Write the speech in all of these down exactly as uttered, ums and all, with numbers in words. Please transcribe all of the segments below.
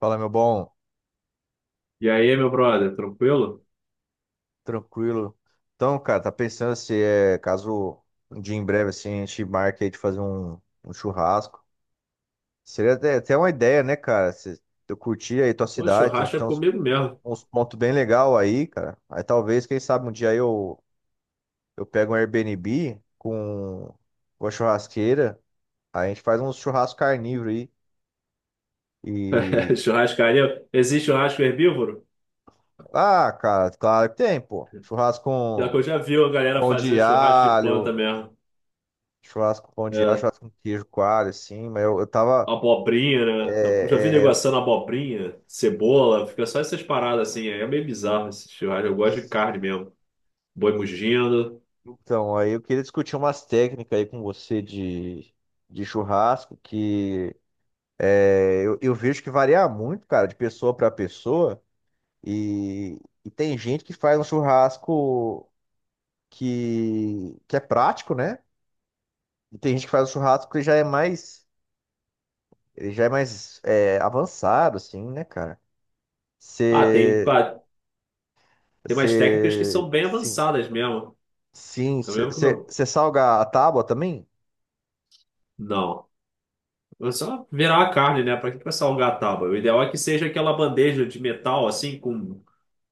Fala, meu bom, E aí, meu brother, tranquilo? tranquilo. Então, cara, tá pensando se é caso um dia em breve assim a gente marque aí de fazer um, um churrasco. Seria até, até uma ideia, né, cara? Se eu curtir aí tua Pô, cidade, então você churrasco é tem uns, comigo mesmo. uns pontos bem legal aí, cara. Aí talvez, quem sabe, um dia aí eu, eu pego um Airbnb com uma churrasqueira, aí a gente faz um churrasco carnívoro aí. E. Churrascaria. Existe churrasco herbívoro? Ah, cara, claro que tem, pô. Churrasco Já que eu com já vi a galera pão de fazer churrasco de planta alho. mesmo. Churrasco com pão de alho, É, churrasco com queijo coalho, assim, mas eu, eu tava. abobrinha, né? Eu já vi é, é, negociando abobrinha, cebola, fica só essas paradas assim. É meio bizarro esse churrasco. Eu gosto de carne mesmo. Boi mugindo. então, aí eu queria discutir umas técnicas aí com você de, de churrasco, que é, eu, eu vejo que varia muito, cara, de pessoa pra pessoa, e, e tem gente que faz um churrasco que, que é prático, né? E tem gente que faz um churrasco que já é mais, ele já é mais é, avançado, assim, né, cara? Ah, tem, Você, pá, tem umas técnicas que você, são bem sim. avançadas mesmo. Sim, Eu mesmo que o meu. você salga a tábua também? Não. É só virar a carne, né? Pra que que vai salgar a tábua? O ideal é que seja aquela bandeja de metal, assim, com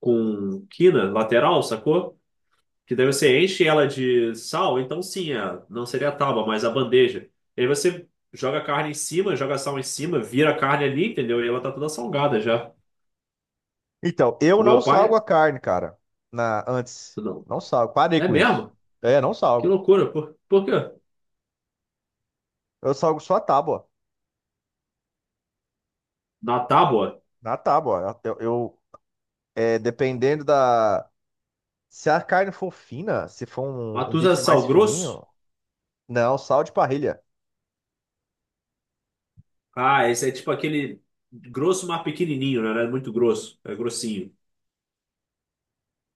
com quina lateral, sacou? Que daí você enche ela de sal, então sim, a- não seria a tábua, mas a bandeja. E aí você joga a carne em cima, joga sal em cima, vira a carne ali, entendeu? E ela tá toda salgada já. Então, eu O não meu pai, salgo a carne, cara. Na, antes. não. Não salgo. Parei É com isso. mesmo? É, não Que salgo. loucura. Por, por quê? Eu salgo só a tábua. Na tábua, Na tábua. Eu, eu- é, dependendo da. Se a carne for fina, se for mas um, um tu usa bife mais sal grosso? fininho, não, sal de parrilha. Ah, esse é tipo aquele grosso, mas pequenininho, né? Não é muito grosso, é grossinho.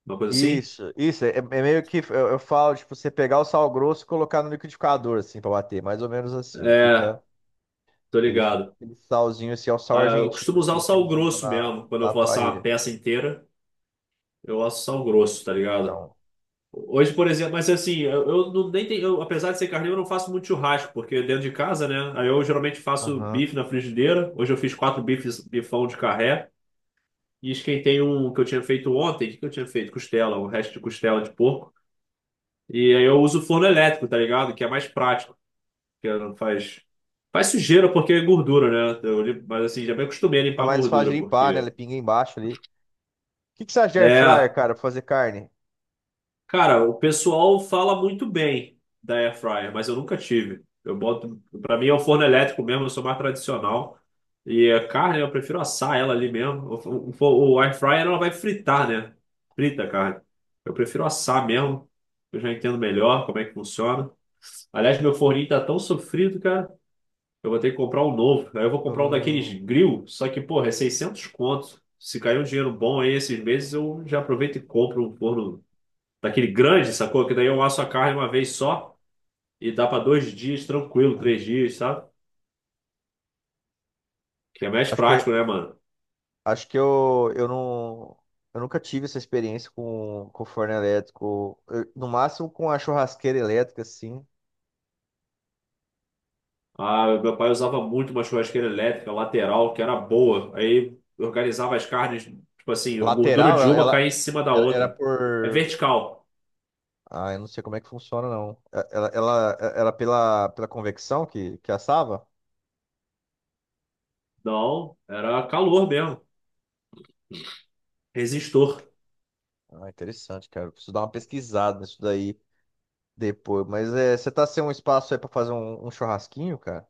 Uma coisa assim? Isso, isso. É, é meio que eu, eu falo, tipo, você pegar o sal grosso e colocar no liquidificador, assim, pra bater. Mais ou menos assim. Ele É, fica. tô Ele fica ligado. aquele salzinho, assim, é o sal Ah, eu argentino, costumo usar o assim, que sal eles usam grosso na, mesmo, quando eu na vou assar uma parrilha. peça inteira. Eu gosto sal grosso, tá ligado? Então, Hoje, por exemplo, mas assim, eu, eu não nem tenho, eu, apesar de ser carnívoro, eu não faço muito churrasco, porque dentro de casa, né? Aí eu geralmente faço aham. bife na frigideira. Hoje eu fiz quatro bifes, bifão de carré. E esquentei um que eu tinha feito ontem. O que que eu tinha feito? Costela, o resto de costela de porco. E aí eu uso forno elétrico, tá ligado? Que é mais prático, que não faz. Faz sujeira porque é gordura, né? Eu, lim- mas assim, já me acostumei a É limpar a mais fácil de gordura, limpar, né? porque. Ele pinga embaixo ali. O que, que você acha de air fryer, É. cara, pra fazer carne? Cara, o pessoal fala muito bem da air fryer, mas eu nunca tive. Eu boto, para mim é o forno elétrico mesmo, eu sou mais tradicional. E a carne, eu prefiro assar ela ali mesmo. O, o, o air fryer ela vai fritar, né? Frita a carne. Eu prefiro assar mesmo. Eu já entendo melhor como é que funciona. Aliás, meu forninho tá tão sofrido, cara. Eu vou ter que comprar um novo. Aí eu vou Eu comprar um daqueles não... grill, só que, porra, é seiscentos conto. Se cair um dinheiro bom aí esses meses, eu já aproveito e compro um forno daquele grande, sacou? Que daí eu asso a carne uma vez só e dá pra dois dias tranquilo, três dias, sabe? Que é mais Acho que, eu- prático, né, mano? Acho que eu, eu não... Eu nunca tive essa experiência com, com forno elétrico. Eu- no máximo com a churrasqueira elétrica, assim. Ah, meu pai usava muito uma churrasqueira elétrica lateral, que era boa. Aí eu organizava as carnes, tipo assim, a gordura Lateral, de ela, uma caía ela, em cima da ela era outra. É por... vertical. Ah, eu não sei como é que funciona, não. Ela, ela, ela era pela, pela convecção que, que assava? Não, era calor mesmo. Resistor. Ah, interessante, cara. Eu preciso dar uma pesquisada nisso daí depois. Mas é, você tá sem um espaço aí pra fazer um, um churrasquinho, cara?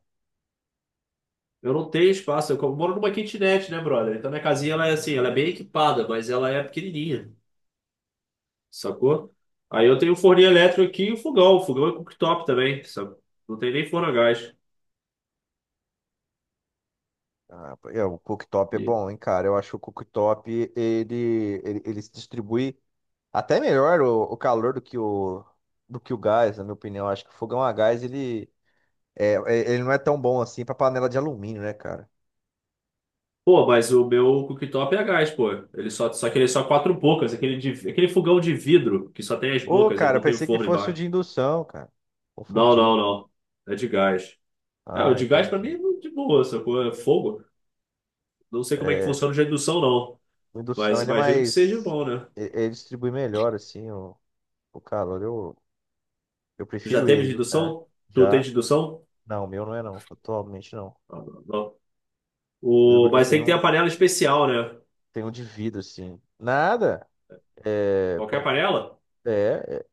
Eu não tenho espaço. Eu moro numa kitnet, né, brother? Então minha casinha, ela é assim, ela é bem equipada, mas ela é pequenininha. Sacou? Aí eu tenho o forninho elétrico aqui e o fogão. O fogão é cooktop também, sabe? Não tem nem forno a gás. Ah, é, o cooktop é E, bom, hein, cara? Eu acho que o cooktop, ele, ele, ele se distribui até melhor o, o calor do que o, do que o gás, na minha opinião. Eu acho que o fogão a gás, ele, é, é- ele não é tão bom assim pra panela de alumínio, né, cara? pô, mas o meu cooktop é a gás, pô. Ele só, só que ele é só quatro bocas, aquele, de- aquele fogão de vidro que só tem as Ô, bocas, ele cara, eu não tem o pensei que forno fosse o embaixo. de indução, cara. Não, Confundi. não, não. É de gás. É, o Ah, de gás pra mim entendi. é de boa, sacou? É fogo. Não sei como é que É, funciona o de indução, não. o indução Mas ele é imagino que seja mais. bom, né? e- Ele distribui melhor, assim, o, o calor. Eu, eu Tu já prefiro teve ele, de viu, cara? indução? Tu tem Já. de indução? Não, o meu não é, não. Atualmente não. Ah, não. Não. Eu, O... eu Mas tem tenho, que ter a um- panela especial, né? Tenho um de vidro, assim. Nada! É, Qualquer pa- panela? é, é,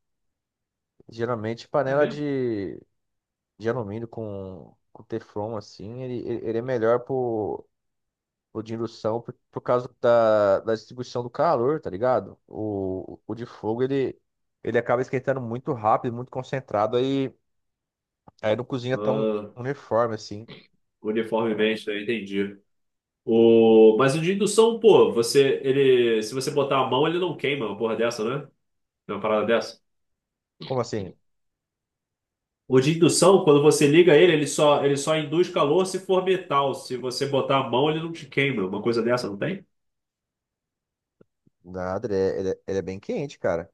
geralmente É panela mesmo? de, de alumínio com, com teflon, assim, ele, ele ele é melhor por, por de indução por, por causa da, da distribuição do calor, tá ligado? O, o de fogo, ele, ele acaba esquentando muito rápido, muito concentrado, aí. Aí não cozinha tão Ah, uniforme assim. uniformemente, né? Entendi. O... Mas o de indução, pô, você, ele, se você botar a mão, ele não queima, uma porra dessa, né? É uma parada dessa. Como assim? O de indução, quando você liga ele, ele só, ele só induz calor se for metal. Se você botar a mão, ele não te queima. Uma coisa dessa, não tem? Nada, ele é, ele é- ele é bem quente, cara.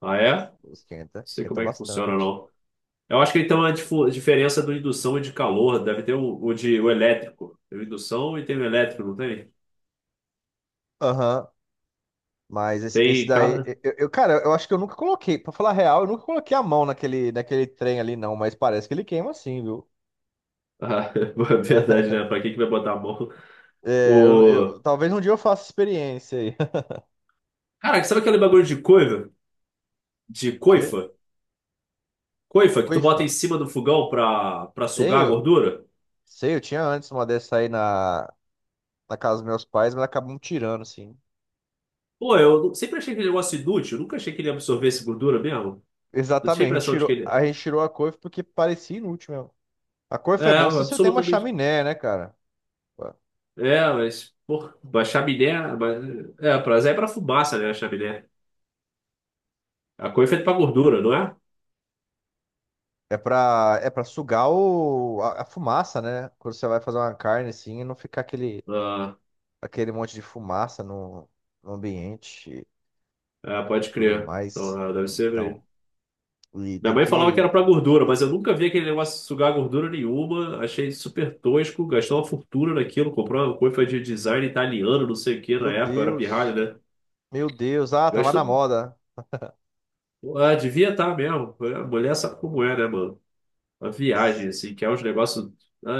Ah, é? Não Esquenta, sei esquenta como é que funciona, bastante. não. Eu acho que então a difu- diferença do indução e de calor deve ter o, o de o elétrico. Tem o indução e tem o elétrico, não tem? Aham. Mas esse, esse Tem daí, cada. eu, eu- cara, eu acho que eu nunca coloquei, pra falar a real, eu nunca coloquei a mão naquele, naquele trem ali, não, mas parece que ele queima assim, viu? Ah, verdade, né? Pra quem que vai botar a mão? É, eu, O... eu- talvez um dia eu faça experiência aí. Cara, sabe aquele bagulho de coifa? De Que? coifa? Coifa que tu Oi, bota fã. em cima do fogão pra, pra Sei, sugar a eu, gordura? sei, eu tinha antes uma dessa aí na, na casa dos meus pais, mas acabamos tirando, assim. Pô, eu nu- sempre achei aquele negócio inútil. Nunca achei que ele absorvesse gordura mesmo. Eu tinha a Exatamente, a gente impressão de que tirou, ele... a gente tirou a couve porque parecia inútil mesmo. A É, coifa é é, bom se você tem uma absolutamente. chaminé, né, cara? É, mas... Pô, a chaminé... mas... É, é, pra, é pra fumaça, né, a chaminé. A coifa é pra gordura, não é? É pra, é pra sugar o, a, a fumaça, né? Quando você vai fazer uma carne assim, e não ficar aquele, Ah, aquele monte de fumaça no, no ambiente é, e pode tudo crer. Então, mais. é, deve Então, ser... e Minha tem mãe falava que que. era pra gordura, mas eu nunca vi aquele negócio de sugar gordura nenhuma. Achei super tosco, gastou uma fortuna naquilo, comprou uma coifa de design italiano, não sei o que, na Meu época, eu era pirralha, Deus! né? Meu Deus! Ah, tava na Gastou. moda. um, Ah, devia estar mesmo. A mulher sabe como é, né, mano? A viagem, Sim, assim, que é uns negócios, ah,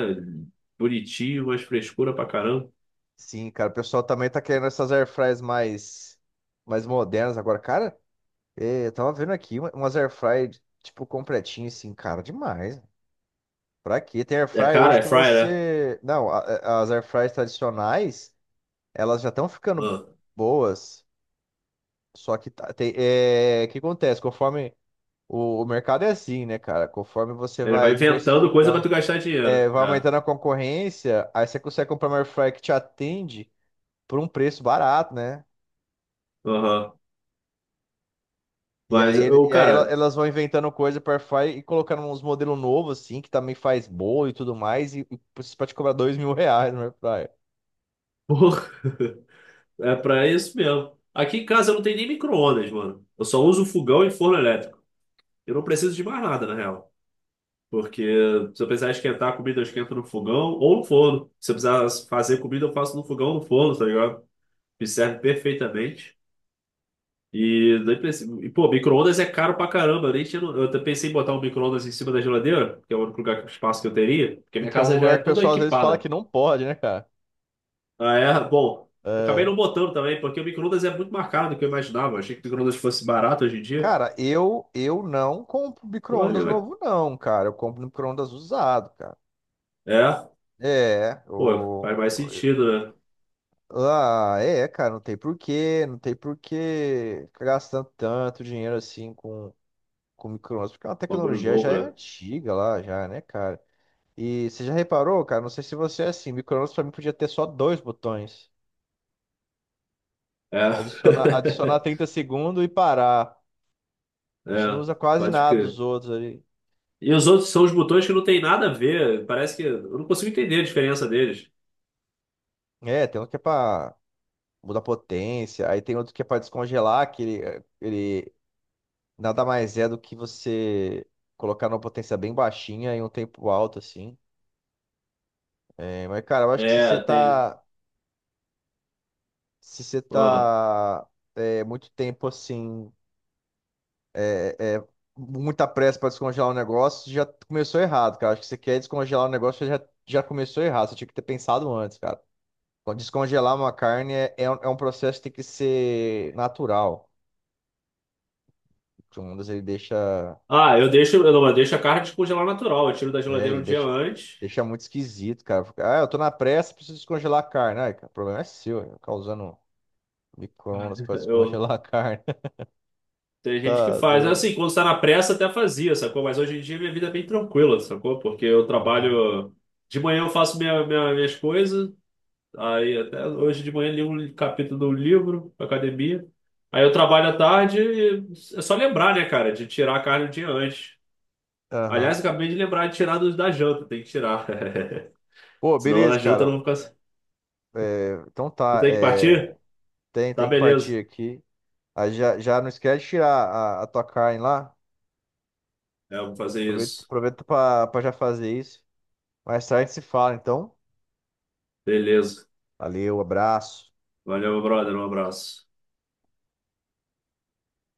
bonitinho, mas frescura pra caramba. sim, cara. O pessoal também tá querendo essas airfryers mais, mais modernas agora. Cara, eh, eu tava vendo aqui uma- umas airfryer, tipo, completinho assim, cara, demais. Pra quê? Tem air É fryer cara, hoje é que fryer, né? você. Não, a- a- as air fryers tradicionais, elas já estão ficando Ah. boas. Só que tá, tem, é, o que acontece? Conforme o, o mercado é assim, né, cara? Conforme você Ele vai vai inventando coisa pra diversificando, tu gastar é, dinheiro. vai É. aumentando a concorrência, aí você consegue comprar uma air fryer que te atende por um preço barato, né? Aham. E Mas, aí, ele- eu, e aí ela- cara, elas vão inventando coisa para air fryer e colocando uns modelos novos, assim, que também faz bolo e tudo mais, e, e pra te cobrar dois mil reais no air fryer. porra. É pra isso mesmo. Aqui em casa eu não tenho nem micro-ondas, mano. Eu só uso fogão e forno elétrico. Eu não preciso de mais nada, na real. Porque se eu precisar esquentar a comida, eu esquento no fogão ou no forno. Se eu precisar fazer comida, eu faço no fogão ou no forno, tá ligado? Me serve perfeitamente. E, nem preciso... e pô, micro-ondas é caro pra caramba. Eu, nem tinha... no- eu até pensei em botar um micro-ondas em cima da geladeira, que é o único lugar, espaço que eu teria. Porque minha Que é um casa já lugar é que o toda pessoal às vezes fala equipada. que não pode, né, cara? Ah, é? Bom, eu acabei É. não botando também, porque o micro-ondas é muito mais caro do que eu imaginava. Eu achei que o micro-ondas fosse barato hoje em dia. Cara, eu, eu não compro Pô, olha, micro-ondas mas... novo, não, cara. Eu compro micro-ondas usado, cara. é, É, pô, faz o... mais sentido, né? Ah, é, cara, não tem porquê, não tem porquê ficar gastando tanto dinheiro assim com, com micro-ondas, porque a Bagulho tecnologia já novo, é né? antiga lá, já, né, cara? E você já reparou, cara? Não sei se você é assim, micro-ondas pra mim podia ter só dois botões. É. Adicionar, adicionar trinta segundos e parar. A gente não É, usa quase pode nada dos que. outros ali. E os outros são os botões que não tem nada a ver. Parece que. Eu não consigo entender a diferença deles. É, tem um que é pra mudar a potência, aí tem outro que é pra descongelar, que ele, eh, ele nada mais é do que você colocar numa potência bem baixinha em um tempo alto, assim. É, mas, cara, eu acho que se você É, tem. tá, se você Ó. tá é, muito tempo, assim, é, é, muita pressa pra descongelar o negócio, já começou errado, cara. Acho que você quer descongelar o negócio, já, já começou errado, você tinha que ter pensado antes, cara. Descongelar uma carne é, é um é um processo que tem que ser natural. Comandos ele deixa. Ah, eu deixo. Eu não, eu deixo a carne descongelar natural. Eu tiro da É, geladeira ele um dia deixa, antes. deixa muito esquisito, cara. Fica, ah, eu tô na pressa, preciso descongelar a carne. Ai, cara, o problema é seu, eu ficar usando micro-ondas pra Eu, descongelar a carne. tem gente que Tá faz. doido. Assim, quando está na pressa até fazia, sacou? Mas hoje em dia minha vida é bem tranquila, sacou? Porque eu Aham. trabalho. De manhã eu faço minha, minha- minhas coisas. Aí até hoje de manhã li um capítulo do livro, academia. Aí eu trabalho à tarde e é só lembrar, né, cara, de tirar a carne um dia antes. Aliás, Aham. eu acabei de lembrar de tirar dos da janta, tem que tirar. Pô, Senão na beleza, janta eu cara. não vou ficar. É, então Tu tá. tem que é, partir? tem, Tá, tem que beleza. partir aqui. Ah, já, já não esquece de tirar a, a tua carne lá. É, eu vou fazer Aproveita, isso. aproveita pra, pra já fazer isso. Mais tarde se fala, então. Beleza. Valeu, abraço. Valeu, meu brother. Um abraço.